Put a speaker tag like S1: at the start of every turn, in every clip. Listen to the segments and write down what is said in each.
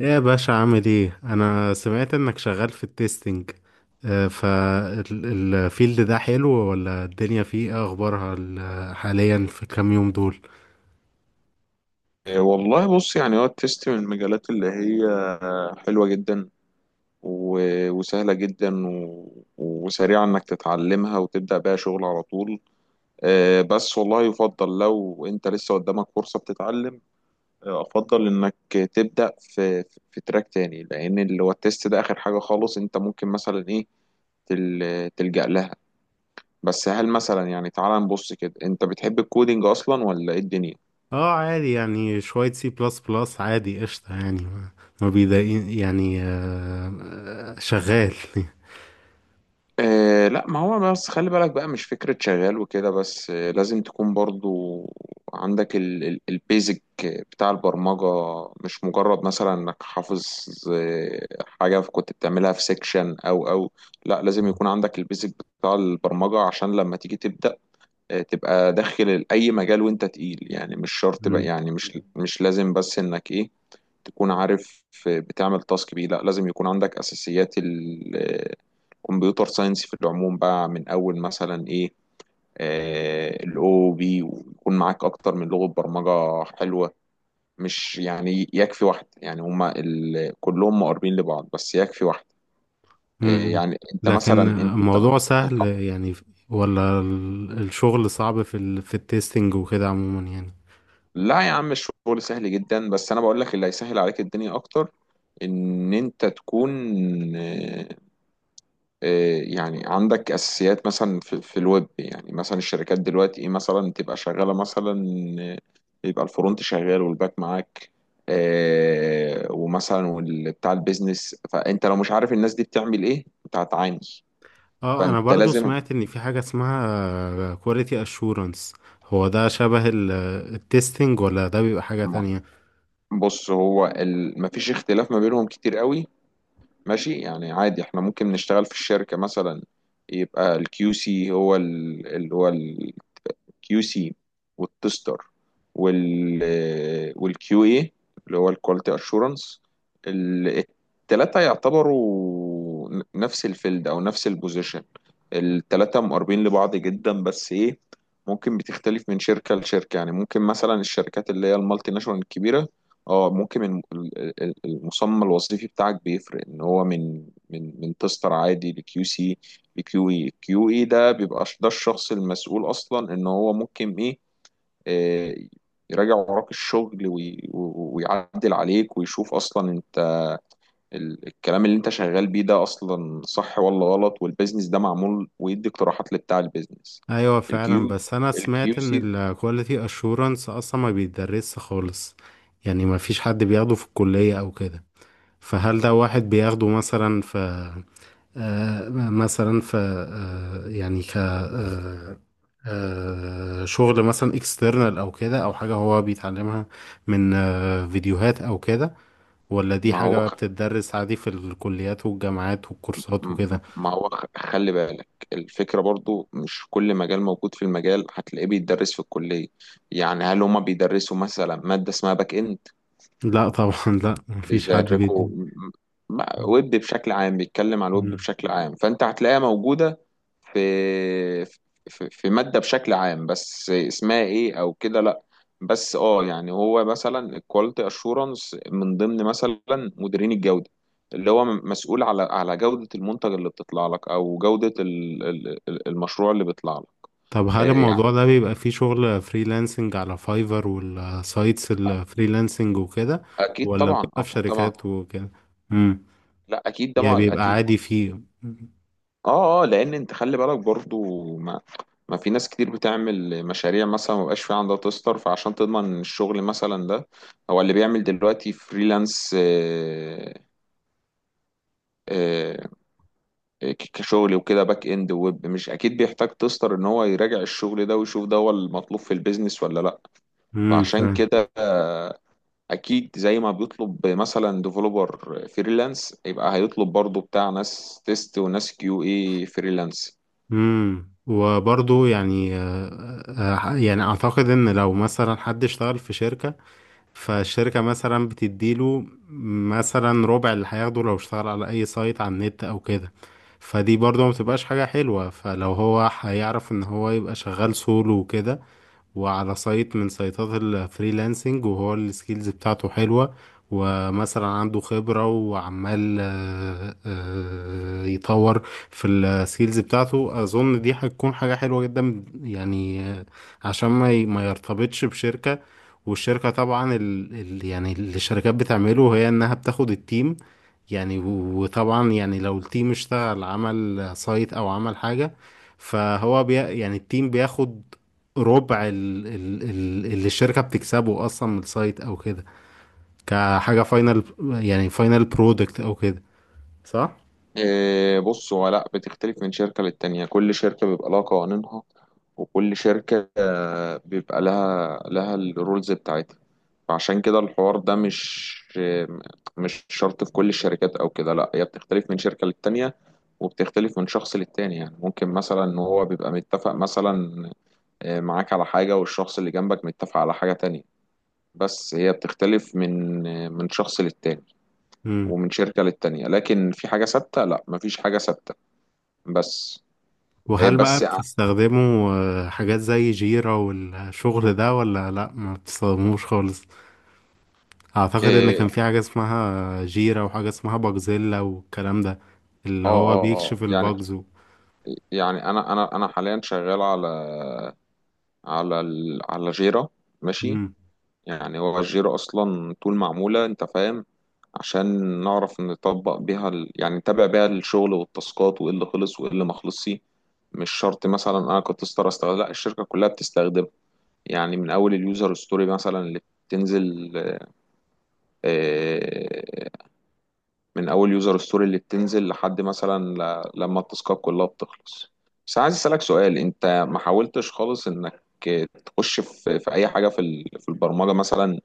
S1: ايه يا باشا، عامل ايه؟ انا سمعت انك شغال في التستنج. فالفيلد ده حلو، ولا الدنيا فيه ايه اخبارها حاليا في كام يوم دول؟
S2: إيه والله، بص يعني هو التست من المجالات اللي هي حلوة جدا وسهلة جدا وسريعة انك تتعلمها وتبدأ بيها شغل على طول. بس والله يفضل لو انت لسه قدامك فرصة بتتعلم. افضل انك تبدأ في تراك تاني، لان اللي هو التست ده اخر حاجة خالص انت ممكن مثلا ايه تلجأ لها. بس هل مثلا، يعني تعال نبص كده، انت بتحب الكودينج اصلا ولا ايه الدنيا؟
S1: اه، عادي يعني، شوية سي بلس بلس، عادي قشطة يعني، ما بيضايقين يعني، شغال
S2: آه لا، ما هو بس خلي بالك بقى، مش فكرة شغال وكده بس، لازم تكون برضو عندك البيزك بتاع البرمجة، مش مجرد مثلا انك حافظ آه حاجة كنت بتعملها في سيكشن او. لا، لازم يكون عندك البيزك بتاع البرمجة عشان لما تيجي تبدأ تبقى داخل اي مجال وانت تقيل، يعني مش شرط بقى،
S1: مم.
S2: يعني مش لازم بس انك ايه تكون عارف بتعمل تاسك بيه. لا، لازم يكون عندك اساسيات الكمبيوتر ساينس في العموم بقى، من اول مثلا ايه الاو بي، ويكون معاك اكتر من لغة برمجة حلوة، مش يعني يكفي واحد، يعني هما كلهم مقربين لبعض بس يكفي واحد.
S1: مم.
S2: يعني انت مثلا
S1: لكن
S2: انت
S1: الموضوع
S2: انت-
S1: سهل يعني، ولا الشغل صعب في ال في التستنج وكده عموما يعني؟
S2: لا يا عم الشغل سهل جدا، بس انا بقول لك اللي هيسهل عليك الدنيا اكتر ان انت تكون، آه، يعني عندك اساسيات مثلا في الويب. يعني مثلا الشركات دلوقتي ايه مثلا تبقى شغاله، مثلا يبقى الفرونت شغال والباك معاك، ومثلا بتاع البيزنس، فانت لو مش عارف الناس دي بتعمل ايه انت هتعاني.
S1: اه، انا
S2: فانت
S1: برضو
S2: لازم.
S1: سمعت ان في حاجة اسمها كواليتي اشورنس. هو ده شبه التستنج، ولا ده بيبقى حاجة تانية؟
S2: بص، هو مفيش اختلاف ما بينهم كتير قوي، ماشي؟ يعني عادي احنا ممكن نشتغل في الشركه مثلا، يبقى الكيو سي هو اللي هو، والكيو سي، والتستر، والكيو اي اللي هو الكواليتي اشورنس، التلاتة يعتبروا نفس الفيلد او نفس البوزيشن. التلاتة مقربين لبعض جدا، بس ايه، ممكن بتختلف من شركة لشركة. يعني ممكن مثلا الشركات اللي هي المالتي ناشونال الكبيرة، اه ممكن المسمى الوظيفي بتاعك بيفرق، ان هو من تستر عادي، لكيو سي، بكيو اي. الكيو اي ده بيبقى ده الشخص المسؤول اصلا ان هو ممكن ايه، آه، يراجع وراك الشغل ويعدل عليك ويشوف اصلا انت الكلام اللي انت شغال بيه ده اصلا صح ولا غلط، والبيزنس ده معمول، ويدي اقتراحات لبتاع البيزنس.
S1: ايوه فعلا،
S2: الكيو
S1: بس انا سمعت
S2: الكيو سي.
S1: ان الكواليتي اشورنس اصلا ما بيدرسش خالص، يعني ما فيش حد بياخده في الكلية او كده. فهل ده واحد بياخده مثلا في مثلا في يعني ك آه آه شغل مثلا اكسترنال، او كده، او حاجة هو بيتعلمها من فيديوهات او كده، ولا دي
S2: ما هو
S1: حاجة
S2: خ-
S1: بتتدرس عادي في الكليات والجامعات والكورسات
S2: م-
S1: وكده؟
S2: ما هو خ- خلي بالك، الفكرة برضو مش كل مجال موجود في المجال هتلاقيه بيتدرس في الكلية. يعني هل هما بيدرسوا مثلا مادة اسمها باك اند؟
S1: لا طبعا، لا مفيش حد
S2: بيزركوا
S1: بيدي.
S2: م- ويب بشكل عام، بيتكلم عن الويب
S1: مم.
S2: بشكل عام، فانت هتلاقيها موجوده في في ماده بشكل عام، بس اسمها ايه او كده، لا. بس اه، يعني هو مثلا الكواليتي اشورنس من ضمن مثلا مديرين الجوده، اللي هو مسؤول على جوده المنتج اللي بتطلع لك او جوده المشروع اللي بيطلع لك.
S1: طب هل
S2: يعني
S1: الموضوع ده بيبقى فيه شغل فريلانسنج على فايفر والسايتس الفريلانسنج وكده،
S2: اكيد
S1: ولا
S2: طبعا،
S1: بيبقى في
S2: اكيد طبعا.
S1: شركات وكده؟ امم
S2: لا اكيد ده
S1: يعني بيبقى
S2: اكيد.
S1: عادي فيه.
S2: اه لان انت خلي بالك برضو، ما ما في ناس كتير بتعمل مشاريع مثلا ما بقاش في عندها تستر، فعشان تضمن إن الشغل مثلا ده، هو اللي بيعمل دلوقتي فريلانس، آه، كشغل وكده، باك اند وويب، مش اكيد بيحتاج تستر ان هو يراجع الشغل ده ويشوف ده هو المطلوب في البيزنس ولا لا. فعشان
S1: فاهم.
S2: كده، اكيد زي ما بيطلب مثلا ديفلوبر فريلانس، يبقى هيطلب برضو بتاع ناس تيست وناس كيو اي فريلانس.
S1: وبرضه، يعني يعني اعتقد ان لو مثلا حد اشتغل في شركة، فالشركة مثلا بتديله مثلا ربع اللي هياخده لو اشتغل على أي سايت على النت أو كده. فدي برضه ما بتبقاش حاجة حلوة، فلو هو هيعرف إن هو يبقى شغال سولو وكده، وعلى سايت من سايتات الفريلانسنج، وهو السكيلز بتاعته حلوة، ومثلا عنده خبرة، وعمال يطور في السكيلز بتاعته. أظن دي هتكون حاجة حلوة جدا، يعني عشان ما يرتبطش بشركة. والشركة طبعا، يعني اللي الشركات بتعمله هي إنها بتاخد التيم، يعني وطبعا، يعني لو التيم اشتغل عمل سايت أو عمل حاجة، فهو يعني التيم بياخد ربع ال ال ال اللي الشركة بتكسبه أصلا من السايت أو كده، كحاجة فاينل، يعني فاينل برودكت أو كده، صح؟
S2: إيه، بص، هو لا، بتختلف من شركة للتانية، كل شركة بيبقى لها قوانينها، وكل شركة بيبقى لها الرولز بتاعتها. فعشان كده الحوار ده مش شرط في كل الشركات أو كده، لا، هي بتختلف من شركة للتانية، وبتختلف من شخص للتاني. يعني ممكن مثلا إن هو بيبقى متفق مثلا، معاك على حاجة، والشخص اللي جنبك متفق على حاجة تانية. بس هي بتختلف من شخص للتاني،
S1: مم.
S2: ومن شركة للتانية. لكن في حاجة ثابتة؟ لا، مفيش حاجة ثابتة. بس. إيه،
S1: وهل بقى
S2: بس
S1: بتستخدموا حاجات زي جيرا والشغل ده، ولا لأ ما بتستخدموش خالص؟ أعتقد إن
S2: إيه.
S1: كان في حاجة اسمها جيرا، وحاجة اسمها باجزيلا، والكلام ده اللي هو
S2: اه
S1: بيكشف
S2: يعني
S1: الباجز.
S2: يعني انا حاليا شغال على جيرة، ماشي؟ يعني هو الجيرة اصلا طول معمولة، انت فاهم، عشان نعرف نطبق بيها يعني نتابع بيها الشغل والتاسكات، وايه اللي خلص وايه اللي ما خلصش. مش شرط مثلا انا كنت استخدم، لا، الشركة كلها بتستخدمها. يعني من اول اليوزر ستوري مثلا اللي بتنزل، آه، من اول يوزر ستوري اللي بتنزل لحد مثلا، لما التاسكات كلها بتخلص. بس عايز اسالك سؤال، انت ما حاولتش خالص انك تخش في اي حاجه في البرمجه مثلا،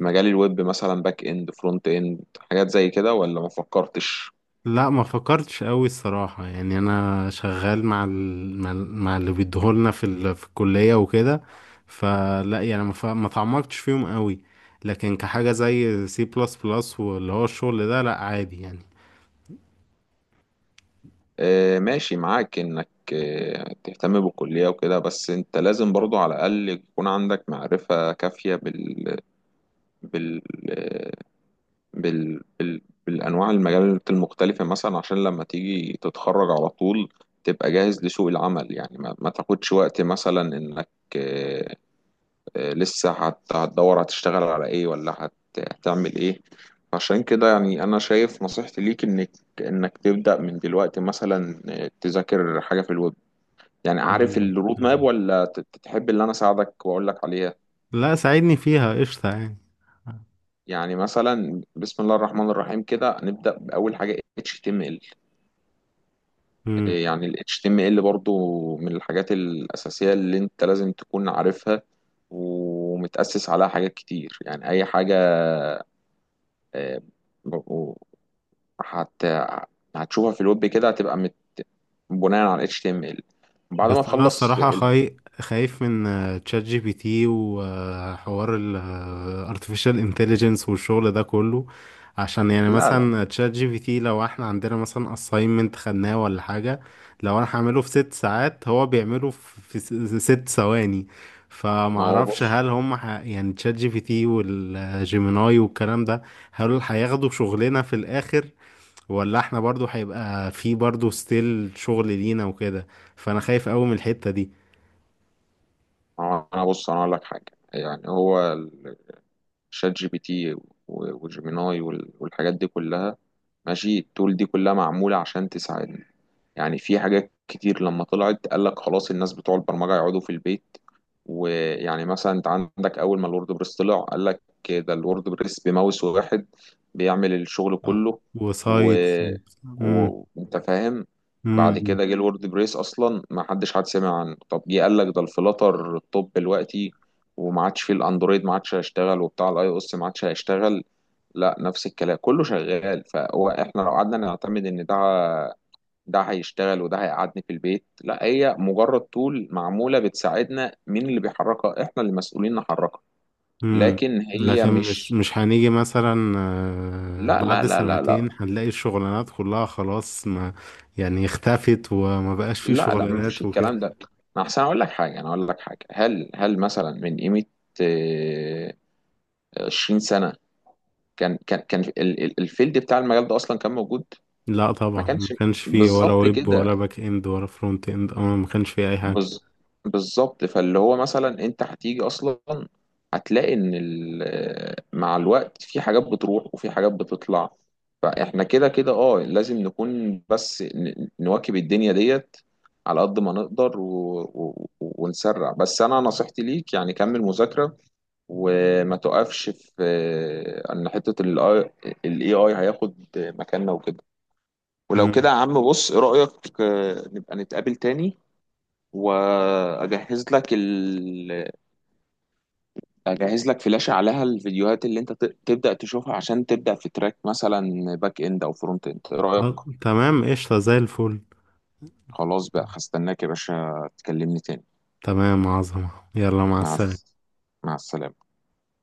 S2: مجال الويب مثلا، باك اند، فرونت اند، حاجات زي كده، ولا ما فكرتش؟
S1: لا ما فكرتش قوي الصراحة، يعني انا شغال مع اللي بيديهولنا في الكلية وكده. فلا يعني ما تعمقتش فيهم قوي. لكن كحاجة زي سي بلس بلس، واللي هو الشغل ده، لا عادي يعني.
S2: آه ماشي، معاك انك تهتم بالكليه وكده، بس انت لازم برضو على الاقل يكون عندك معرفه كافيه بال... بال... بال... بالانواع المجالات المختلفه مثلا، عشان لما تيجي تتخرج على طول تبقى جاهز لسوق العمل. يعني ما تاخدش وقت مثلا انك، آه، لسه هتدور هتشتغل على ايه، ولا هتعمل ايه. عشان كده يعني انا شايف نصيحتي ليك، انك تبدا من دلوقتي مثلا، تذاكر حاجه في الويب. يعني عارف
S1: مم،
S2: الرود ماب،
S1: تمام.
S2: ولا تحب اللي انا اساعدك واقول لك عليها؟
S1: لا، ساعدني فيها قشطة يعني.
S2: يعني مثلا، بسم الله الرحمن الرحيم، كده نبدا باول حاجه HTML.
S1: مم.
S2: يعني ال HTML برضو من الحاجات الأساسية اللي أنت لازم تكون عارفها، ومتأسس عليها حاجات كتير. يعني أي حاجة، آه، و- هت... هتشوفها في الويب كده هتبقى بناء على ال HTML. بعد ما
S1: بس انا
S2: تخلص
S1: الصراحه خايف من تشات جي بي تي، وحوار ال artificial intelligence والشغل ده كله. عشان يعني
S2: لا لا.
S1: مثلا تشات جي بي تي، لو احنا عندنا مثلا assignment خدناه ولا حاجه، لو انا هعمله في 6 ساعات هو بيعمله في 6 ثواني.
S2: ما هو
S1: فمعرفش هل
S2: بص
S1: هم يعني تشات جي بي تي والجيميناي والكلام ده، هل هياخدوا شغلنا في الاخر؟ ولا احنا برضو هيبقى في برضو ستيل شغل لينا وكده؟ فانا خايف قوي من الحتة دي.
S2: ما هو أنا بص أنا أقول لك حاجة، يعني هو شات جي بي تي وجيميناي والحاجات دي كلها، ماشي، التول دي كلها معمولة عشان تساعدنا. يعني في حاجات كتير لما طلعت قال لك خلاص، الناس بتوع البرمجة يقعدوا في البيت. ويعني مثلا انت عندك، اول ما الورد بريس طلع قال لك ده الورد بريس بماوس واحد بيعمل الشغل
S1: اه.
S2: كله، و...
S1: وسايتس. امم
S2: انت فاهم. بعد
S1: امم
S2: كده جه الورد بريس اصلا ما حدش سمع عنه، طب جه قال لك ده الفلاتر. الطب دلوقتي وما عادش فيه الاندرويد، ما عادش هيشتغل، وبتاع الاي او اس ما عادش هيشتغل. لا، نفس الكلام كله شغال. فهو احنا لو قعدنا نعتمد ان ده هيشتغل، وده هيقعدني في البيت، لا، هي مجرد طول معمولة بتساعدنا. مين اللي بيحركها؟ احنا اللي مسؤولين نحركها،
S1: امم
S2: لكن هي
S1: لكن مش
S2: مش.
S1: مش هنيجي مثلا
S2: لا لا
S1: بعد
S2: لا لا
S1: سنتين
S2: لا
S1: هنلاقي الشغلانات كلها خلاص، ما يعني اختفت، وما بقاش فيه
S2: لا لا، مفيش
S1: شغلانات وكده.
S2: الكلام ده. انا احسن اقول لك حاجة، انا اقول لك حاجة، هل مثلا من قيمة آه، 20 سنة، كان الفيلد بتاع المجال ده اصلا كان موجود؟
S1: لا
S2: ما
S1: طبعا، ما
S2: كانش،
S1: كانش فيه، ولا
S2: بالظبط
S1: ويب،
S2: كده،
S1: ولا باك اند، ولا فرونت اند. اه، ما كانش فيه اي حاجة.
S2: بز... بالظبط. فاللي هو مثلا انت هتيجي اصلا هتلاقي ان مع الوقت في حاجات بتروح وفي حاجات بتطلع. فاحنا كده كده، لازم نكون بس نواكب الدنيا ديت على قد ما نقدر، ونسرع. بس انا نصيحتي ليك يعني كمل مذاكرة وما تقفش في ان حتة الاي اي هياخد مكاننا وكده. ولو كده
S1: امم
S2: يا عم، بص، ايه رأيك، نبقى نتقابل تاني، واجهز لك ال... اجهز لك فلاشة عليها الفيديوهات اللي انت تبدأ تشوفها، عشان تبدأ في تراك مثلا باك اند او فرونت اند. ايه رأيك؟
S1: تمام، قشطة زي الفل.
S2: خلاص بقى، هستناك يا باشا تكلمني تاني.
S1: تمام، عظمة، يلا مع
S2: مع
S1: السلامة.
S2: مع السلامة.